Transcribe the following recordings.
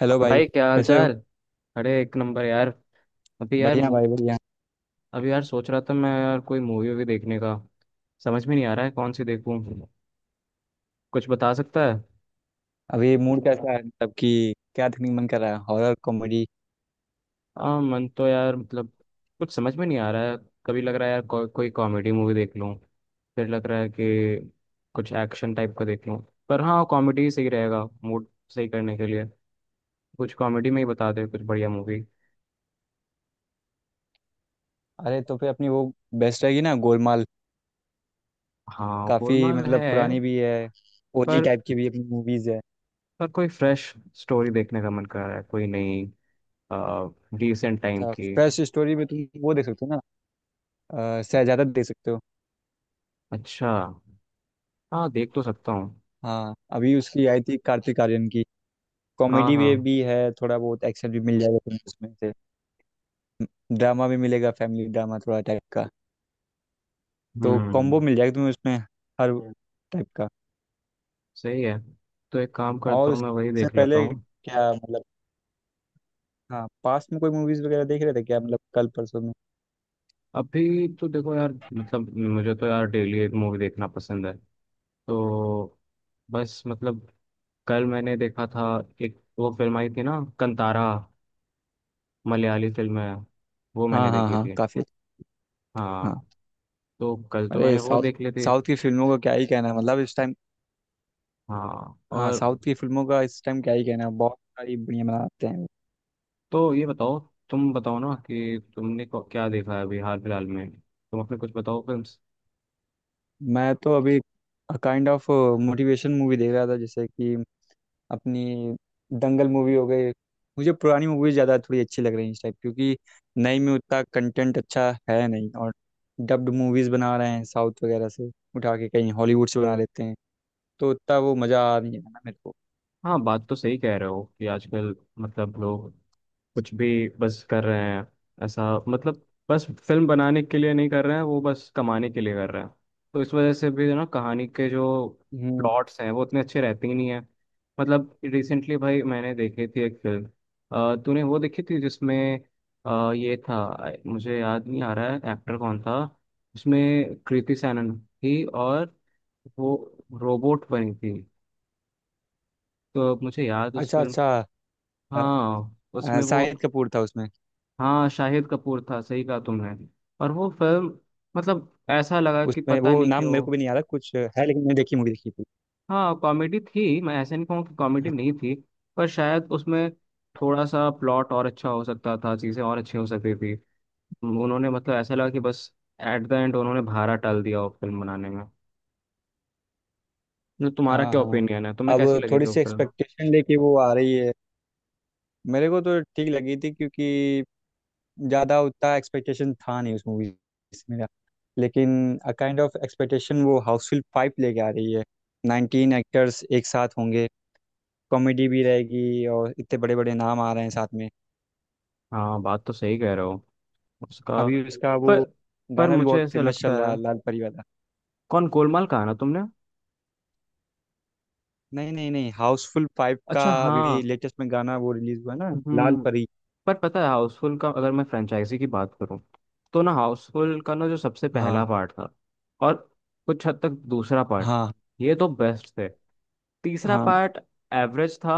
Hello और भाई। भाई क्या हाल कैसे हो? चाल। अरे एक नंबर यार। अभी यार बढ़िया मु- भाई बढ़िया। अभी यार सोच रहा था मैं यार कोई मूवी वूवी देखने का। समझ में नहीं आ रहा है कौन सी देखूं। कुछ बता सकता है? अभी मूड कैसा है, मतलब कि क्या देखने का मन कर रहा है, हॉरर कॉमेडी? हाँ मन तो यार मतलब कुछ समझ में नहीं आ रहा है। कभी लग रहा है यार को, कोई कॉमेडी मूवी देख लूं। फिर लग रहा है कि कुछ एक्शन टाइप का देख लूं। पर हाँ कॉमेडी सही रहेगा मूड सही करने के लिए। कुछ कॉमेडी में ही बता दे कुछ बढ़िया मूवी। अरे तो फिर अपनी वो बेस्ट रहेगी ना, गोलमाल। हाँ काफ़ी गोलमाल मतलब है। पुरानी भी है, ओजी पर टाइप की भी अपनी मूवीज़ है। पर कोई फ्रेश स्टोरी देखने का मन कर रहा है कोई नई रिसेंट टाइम अच्छा की। फ्रेश स्टोरी में तुम वो देख सकते हो ना, शहजादा देख सकते हो। अच्छा। हाँ देख तो सकता हूँ। हाँ अभी उसकी आई थी, कार्तिक आर्यन की। हाँ कॉमेडी भी हाँ। भी है, थोड़ा बहुत एक्शन भी मिल जाएगा तुम्हें उसमें से। ड्रामा भी मिलेगा, फैमिली ड्रामा थोड़ा टाइप का। तो हम्म। कॉम्बो मिल जाएगा तुम्हें उसमें, हर टाइप का। सही है। तो एक काम करता और हूँ मैं वही उससे देख लेता पहले हूँ। क्या मतलब, हाँ पास्ट में कोई मूवीज वगैरह देख रहे थे क्या, मतलब कल परसों में? अभी तो देखो यार मतलब मुझे तो यार डेली एक मूवी देखना पसंद है। तो बस मतलब कल मैंने देखा था। एक वो फिल्म आई थी ना कंतारा। मलयाली फिल्म है। वो मैंने हाँ हाँ देखी हाँ, थी। काफी। अच्छा। हाँ। हाँ। तो कल तो अरे मैंने वो साउथ देख ली थी। साउथ की फिल्मों का क्या ही कहना है, मतलब इस टाइम। हाँ। हाँ और साउथ की फिल्मों का इस टाइम क्या ही कहना है, बहुत सारी बढ़िया बनाते हैं। तो ये बताओ तुम बताओ ना कि तुमने क्या देखा है अभी हाल फिलहाल में तुम अपने कुछ बताओ फिल्म। मैं तो अभी काइंड ऑफ मोटिवेशन मूवी देख रहा था, जैसे कि अपनी दंगल मूवी हो गई। मुझे पुरानी मूवी ज़्यादा थोड़ी अच्छी लग रही है इस टाइप, क्योंकि नई में उतना कंटेंट अच्छा है नहीं, और डब्ड मूवीज़ बना रहे हैं साउथ वगैरह से उठा के, कहीं हॉलीवुड से बना लेते हैं। तो उतना वो मज़ा आ नहीं रहा ना मेरे को। हाँ बात तो सही कह रहे हो कि आजकल मतलब लोग कुछ भी बस कर रहे हैं। ऐसा मतलब बस फिल्म बनाने के लिए नहीं कर रहे हैं वो बस कमाने के लिए कर रहे हैं। तो इस वजह से भी ना कहानी के जो हम्म। प्लॉट्स हैं वो उतने अच्छे रहते ही नहीं हैं। मतलब रिसेंटली भाई मैंने देखी थी एक फिल्म। तूने वो देखी थी जिसमें ये था मुझे याद नहीं आ रहा है एक्टर कौन था। उसमें कृति सैनन थी और वो रोबोट बनी थी। तो मुझे याद उस अच्छा फिल्म। अच्छा। अ, हाँ उसमें वो। शाहिद कपूर था उसमें। हाँ शाहिद कपूर था सही कहा तुमने। और वो फिल्म मतलब ऐसा लगा कि उसमें वो पता नहीं नाम मेरे क्यों। को भी नहीं आ रहा, कुछ है लेकिन, मैंने देखी मूवी देखी थी। हाँ कॉमेडी थी मैं ऐसे नहीं कहूँ कि कॉमेडी हाँ नहीं थी। पर शायद उसमें थोड़ा सा प्लॉट और अच्छा हो सकता था चीज़ें और अच्छी हो सकती थी। उन्होंने मतलब ऐसा लगा कि बस एट द एंड उन्होंने भारा टाल दिया वो फिल्म बनाने में। न, तुम्हारा हाँ क्या हाँ। ओपिनियन है तुम्हें कैसी अब लगी थी थोड़ी वो सी फिल्म? एक्सपेक्टेशन लेके वो आ रही है, मेरे को तो ठीक लगी थी, क्योंकि ज़्यादा उतना एक्सपेक्टेशन था नहीं उस मूवी से मेरा। लेकिन अ काइंड ऑफ एक्सपेक्टेशन वो हाउसफुल 5 लेके आ रही है, 19 एक्टर्स एक साथ होंगे, कॉमेडी भी रहेगी और इतने बड़े बड़े नाम आ रहे हैं साथ में। हाँ बात तो सही कह रहे हो। उसका अभी उसका वो पर पर गाना भी मुझे बहुत ऐसा फेमस लगता चल रहा है। है, लाल परी वाला। कौन गोलमाल कहा ना तुमने? नहीं नहीं नहीं, हाउसफुल 5 का अच्छा। हाँ। अभी लेटेस्ट में गाना वो रिलीज हुआ है ना। लाल हम्म। परी। पर पता है हाउसफुल का अगर मैं फ्रेंचाइजी की बात करूं तो ना हाउसफुल का ना जो सबसे हाँ पहला पार्ट था। और कुछ हद तक दूसरा पार्ट हाँ ये तो बेस्ट थे। तीसरा हाँ पार्ट एवरेज था।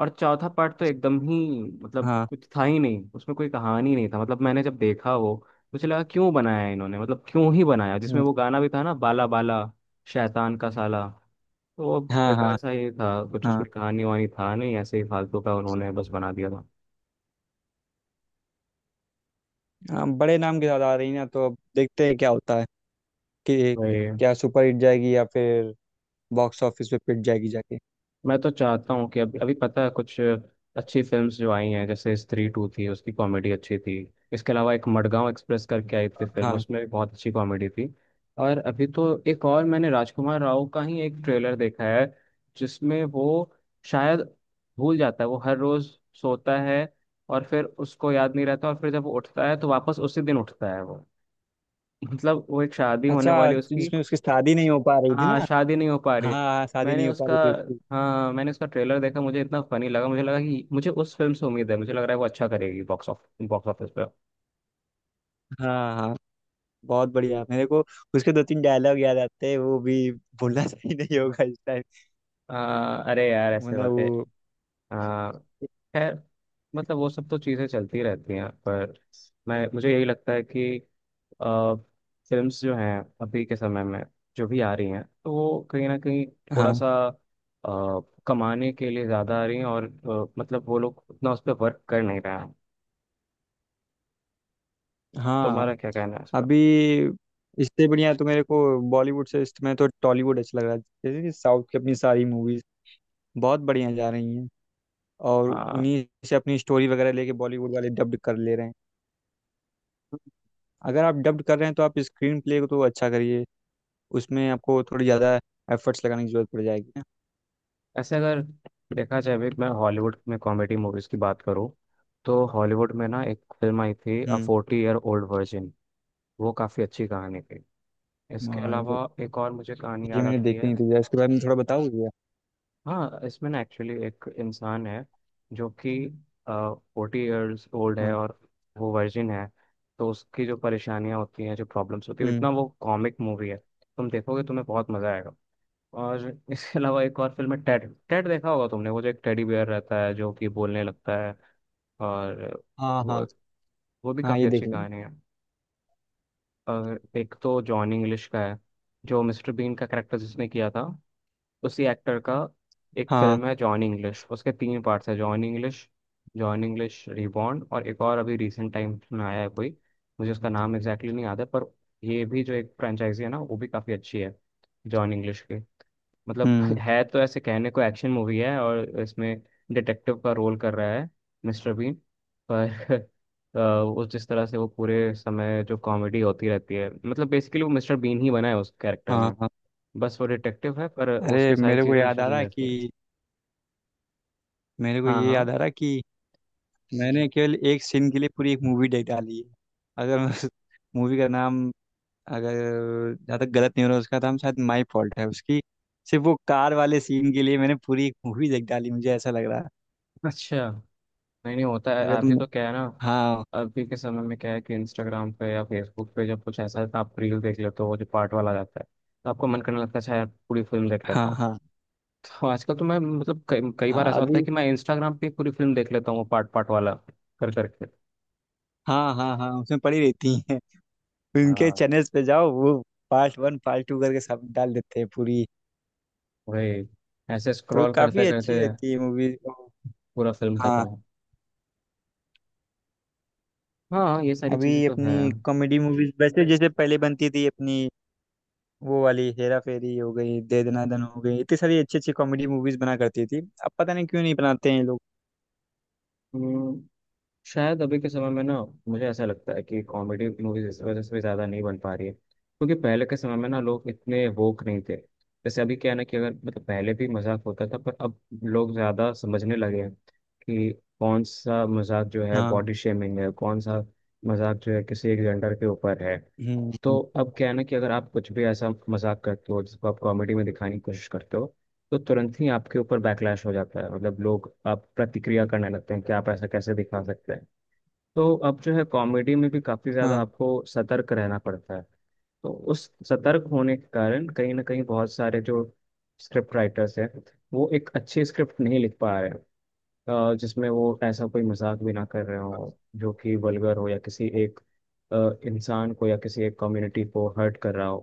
और चौथा पार्ट तो एकदम ही मतलब हाँ। कुछ था ही नहीं उसमें कोई कहानी नहीं था मतलब मैंने जब देखा वो मुझे लगा क्यों बनाया है इन्होंने मतलब क्यों ही बनाया जिसमें हम्म, वो गाना भी था ना बाला बाला शैतान का साला। तो वो हाँ बेकार हाँ सा ही था कुछ हाँ उसमें कहानी वहानी था नहीं ऐसे ही फालतू का उन्होंने बस बना दिया था। हाँ। बड़े नाम के साथ आ रही ना, तो अब देखते हैं क्या होता है, कि वही। क्या सुपर हिट जाएगी या फिर बॉक्स ऑफिस पे पिट जाएगी जाके। मैं तो चाहता हूँ कि अभी अभी पता है कुछ अच्छी फिल्म्स जो आई हैं जैसे स्त्री टू थी उसकी कॉमेडी अच्छी थी। इसके अलावा एक मडगांव एक्सप्रेस करके आई थी फिल्म हाँ। उसमें भी बहुत अच्छी कॉमेडी थी। और अभी तो एक और मैंने राजकुमार राव का ही एक ट्रेलर देखा है। जिसमें वो शायद भूल जाता है वो हर रोज सोता है और फिर उसको याद नहीं रहता और फिर जब वो उठता है तो वापस उसी दिन उठता है वो। मतलब वो एक शादी होने अच्छा वाली उसकी। जिसमें उसकी शादी नहीं हो पा रही थी ना। हाँ शादी नहीं हो पा रही हाँ है। हाँ, शादी मैंने नहीं हो पा उसका रही थी उसकी। हाँ मैंने उसका ट्रेलर देखा मुझे इतना फनी लगा मुझे लगा कि मुझे उस फिल्म से उम्मीद है मुझे लग रहा है वो अच्छा करेगी बॉक्स ऑफिस पे हाँ हाँ, बहुत बढ़िया मेरे को। उसके दो तीन डायलॉग याद आते हैं, वो भी भूलना सही नहीं होगा इस टाइम। अरे यार ऐसे मतलब बातें। वो। आ, खैर मतलब वो सब तो चीज़ें चलती रहती हैं पर मैं मुझे यही लगता है कि आ, फिल्म्स जो हैं अभी के समय में जो भी आ रही हैं तो वो कहीं ना कहीं थोड़ा हाँ सा आ, कमाने के लिए ज़्यादा आ रही हैं और मतलब वो लोग उतना उस पर वर्क कर नहीं रहे हैं। हाँ। तुम्हारा क्या कहना है इस पर? अभी इससे बढ़िया तो मेरे को बॉलीवुड से इस समय तो टॉलीवुड अच्छा लग रहा है। जैसे कि साउथ की अपनी सारी मूवीज बहुत बढ़िया जा रही हैं, और हाँ उन्हीं से अपनी स्टोरी वगैरह लेके बॉलीवुड वाले डब्ड कर ले रहे हैं। अगर आप डब्ड कर रहे हैं तो आप स्क्रीन प्ले को तो अच्छा करिए, उसमें आपको थोड़ी ज़्यादा एफर्ट्स लगाने की जरूरत पड़ जाएगी ना। ऐसे अगर देखा जाए अभी मैं हॉलीवुड में कॉमेडी मूवीज की बात करूँ तो हॉलीवुड में ना एक फिल्म आई थी अ हम्म। Forty Year Old Virgin. वो काफ़ी अच्छी कहानी थी। इसके हाँ, ये अलावा एक और मुझे कहानी ये याद मैंने आती देखी है। नहीं थी, जरा इसके बारे में थोड़ा बताओगे। हाँ इसमें ना एक्चुअली एक इंसान है जो कि फोर्टी ईयर्स ओल्ड है हाँ। और वो वर्जिन है। तो उसकी जो परेशानियाँ होती हैं जो प्रॉब्लम्स होती है हम्म। इतना वो कॉमिक मूवी है तुम देखोगे तुम्हें बहुत मज़ा आएगा। और इसके अलावा एक और फिल्म है टेड। टेड देखा होगा तुमने वो जो एक टेडी बेयर रहता है जो कि बोलने लगता है। और हाँ हाँ वो वो भी हाँ, काफ़ी ये अच्छी देखेंगे। कहानी है। और एक तो जॉन इंग्लिश का है। जो मिस्टर बीन का कैरेक्टर जिसने किया था उसी एक्टर का एक हाँ। फिल्म है जॉन इंग्लिश। उसके तीन पार्ट्स है John English, John English reborn और एक और अभी रिसेंट टाइम में आया है कोई मुझे उसका नाम एग्जैक्टली नहीं याद है पर ये भी जो एक फ्रेंचाइजी है ना वो भी काफ़ी अच्छी है जॉन इंग्लिश की। मतलब हम्म। है तो ऐसे कहने को एक्शन मूवी है और इसमें डिटेक्टिव का रोल कर रहा है मिस्टर बीन। पर वो जिस तरह से वो पूरे समय जो कॉमेडी होती रहती है मतलब बेसिकली वो मिस्टर बीन ही बना है उस कैरेक्टर हाँ में। हाँ। बस वो डिटेक्टिव है पर अरे उसके सारी मेरे को चीज़ें याद मिस्टर आ बीन रहा है जैसी हैं। कि मेरे को हाँ ये याद हाँ। आ रहा है कि मैंने केवल एक सीन के लिए पूरी एक मूवी देख डाली है। अगर मैं उस मूवी का नाम, अगर जहाँ तक गलत नहीं हो रहा, उसका नाम शायद माई फॉल्ट है उसकी। सिर्फ वो कार वाले सीन के लिए मैंने पूरी एक मूवी देख डाली, मुझे ऐसा लग रहा है। अच्छा नहीं नहीं होता है अगर अभी तुम। तो क्या है ना। हाँ अभी के समय में क्या है कि इंस्टाग्राम पे या फेसबुक पे जब कुछ ऐसा है तो आप रील देख लेते हो वो जो पार्ट वाला जाता है। तो आपको मन करने लगता है अच्छा यार पूरी फिल्म देख हाँ लेता हूँ। हाँ तो आजकल तो मैं मतलब कई कई बार हाँ। ऐसा होता है अभी। कि मैं इंस्टाग्राम पे पूरी फिल्म देख लेता हूँ पार्ट पार्ट वाला कर करके। हाँ हाँ हाँ, उसमें पड़ी रहती हैं। उनके हाँ। चैनल्स पे जाओ, वो पार्ट 1 पार्ट 2 करके सब डाल देते हैं पूरी। वही। ऐसे तो स्क्रॉल काफी करते अच्छी करते रहती है मूवीज। पूरा फिल्म हाँ। खत्म। हाँ ये सारी अभी चीजें तो अपनी है। कॉमेडी मूवीज वैसे जैसे पहले बनती थी अपनी, वो वाली हेरा फेरी हो गई, दे दना दन हो गई, इतनी सारी अच्छी अच्छी कॉमेडी मूवीज बना करती थी, अब पता नहीं क्यों नहीं बनाते हैं ये लोग। हम्म, शायद अभी के समय में ना मुझे ऐसा लगता है कि कॉमेडी मूवीज इस वजह से भी ज़्यादा नहीं बन पा रही है क्योंकि पहले के समय में ना लोग इतने वोक नहीं थे। जैसे अभी क्या है ना कि अगर मतलब पहले भी मजाक होता था पर अब लोग ज़्यादा समझने लगे हैं कि कौन सा मजाक जो है हाँ। बॉडी शेमिंग है कौन सा मजाक जो है किसी एक जेंडर के ऊपर है। हम्म तो हम्म, अब क्या है ना कि अगर आप कुछ भी ऐसा मजाक करते हो जिसको आप कॉमेडी में दिखाने की कोशिश करते हो तो तुरंत ही आपके ऊपर बैकलैश हो जाता है मतलब लोग आप प्रतिक्रिया करने लगते हैं कि आप ऐसा कैसे दिखा सकते हैं। तो अब जो है कॉमेडी में भी काफी ज्यादा हाँ आपको सतर्क रहना पड़ता है। तो उस सतर्क होने के कारण कहीं ना कहीं बहुत सारे जो स्क्रिप्ट राइटर्स हैं वो एक अच्छी स्क्रिप्ट नहीं लिख पा रहे हैं जिसमें वो ऐसा कोई मजाक भी ना कर रहे हो जो कि वल्गर हो या किसी एक अ, इंसान को या किसी एक कम्युनिटी को हर्ट कर रहा हो।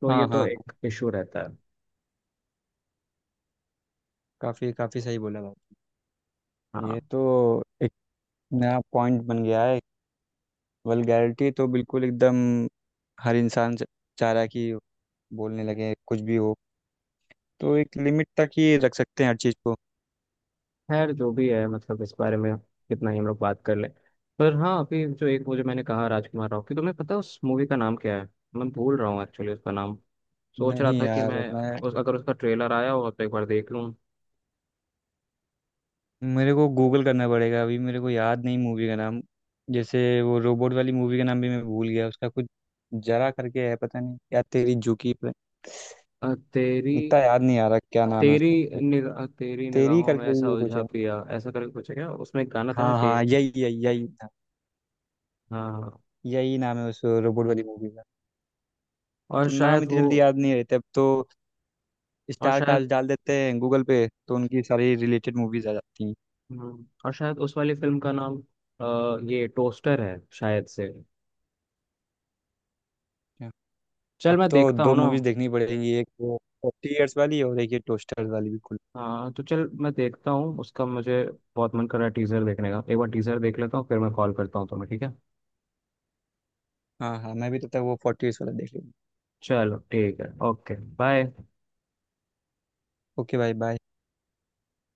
तो ये हाँ हाँ तो हाँ। एक इशू रहता है। काफी काफी सही बोला भाई। हाँ। ये तो एक नया पॉइंट बन गया है। वल्गैरिटी तो बिल्कुल एकदम हर इंसान चाह रहा है कि बोलने लगे कुछ भी हो। तो एक लिमिट तक ही रख सकते हैं हर चीज़ को। खैर जो भी है मतलब इस बारे में कितना ही हम लोग बात कर लें। पर हाँ अभी जो एक वो जो मैंने कहा राजकुमार राव की तुम्हें पता है उस मूवी का नाम क्या है? मैं भूल रहा हूँ एक्चुअली उसका नाम। सोच रहा नहीं था कि यार मैं मैं, उस अगर उसका ट्रेलर आया हो तो एक बार देख लूँ। मेरे को गूगल करना पड़ेगा, अभी मेरे को याद नहीं मूवी का नाम। जैसे वो रोबोट वाली मूवी का नाम भी मैं भूल गया, उसका कुछ जरा करके है, पता नहीं, या तेरी झुकी पे। तेरी इतना याद नहीं आ रहा क्या नाम है तेरी उसका मेरे को। निगाह तेरी तेरी निगाहों में करके ही ऐसा वो कुछ उलझा है। पिया ऐसा करके कुछ है क्या उसमें एक गाना था ना हाँ ते हाँ, यही यही यही था, हाँ हाँ। यही नाम है उस रोबोट वाली मूवी का। और तो नाम शायद इतनी वो। जल्दी याद नहीं रहते अब तो, और स्टार शायद कास्ट डाल देते हैं गूगल पे तो उनकी सारी रिलेटेड मूवीज आ जाती हैं। और शायद उस वाली फिल्म का नाम ये टोस्टर है शायद से। चल अब मैं तो देखता दो हूँ ना। मूवीज देखनी पड़ेगी, एक वो 40 ईयर्स वाली और एक ये टोस्टर्स वाली, बिल्कुल। हाँ तो चल मैं देखता हूँ उसका मुझे बहुत मन कर रहा है टीजर देखने का एक बार टीजर देख लेता हूँ फिर मैं कॉल करता हूँ तुम्हें ठीक है? हाँ हाँ, मैं भी तो तक वो 40 ईयर्स वाला देख लूँगा। चलो ठीक है ओके। बाय। ओके भाई बाय।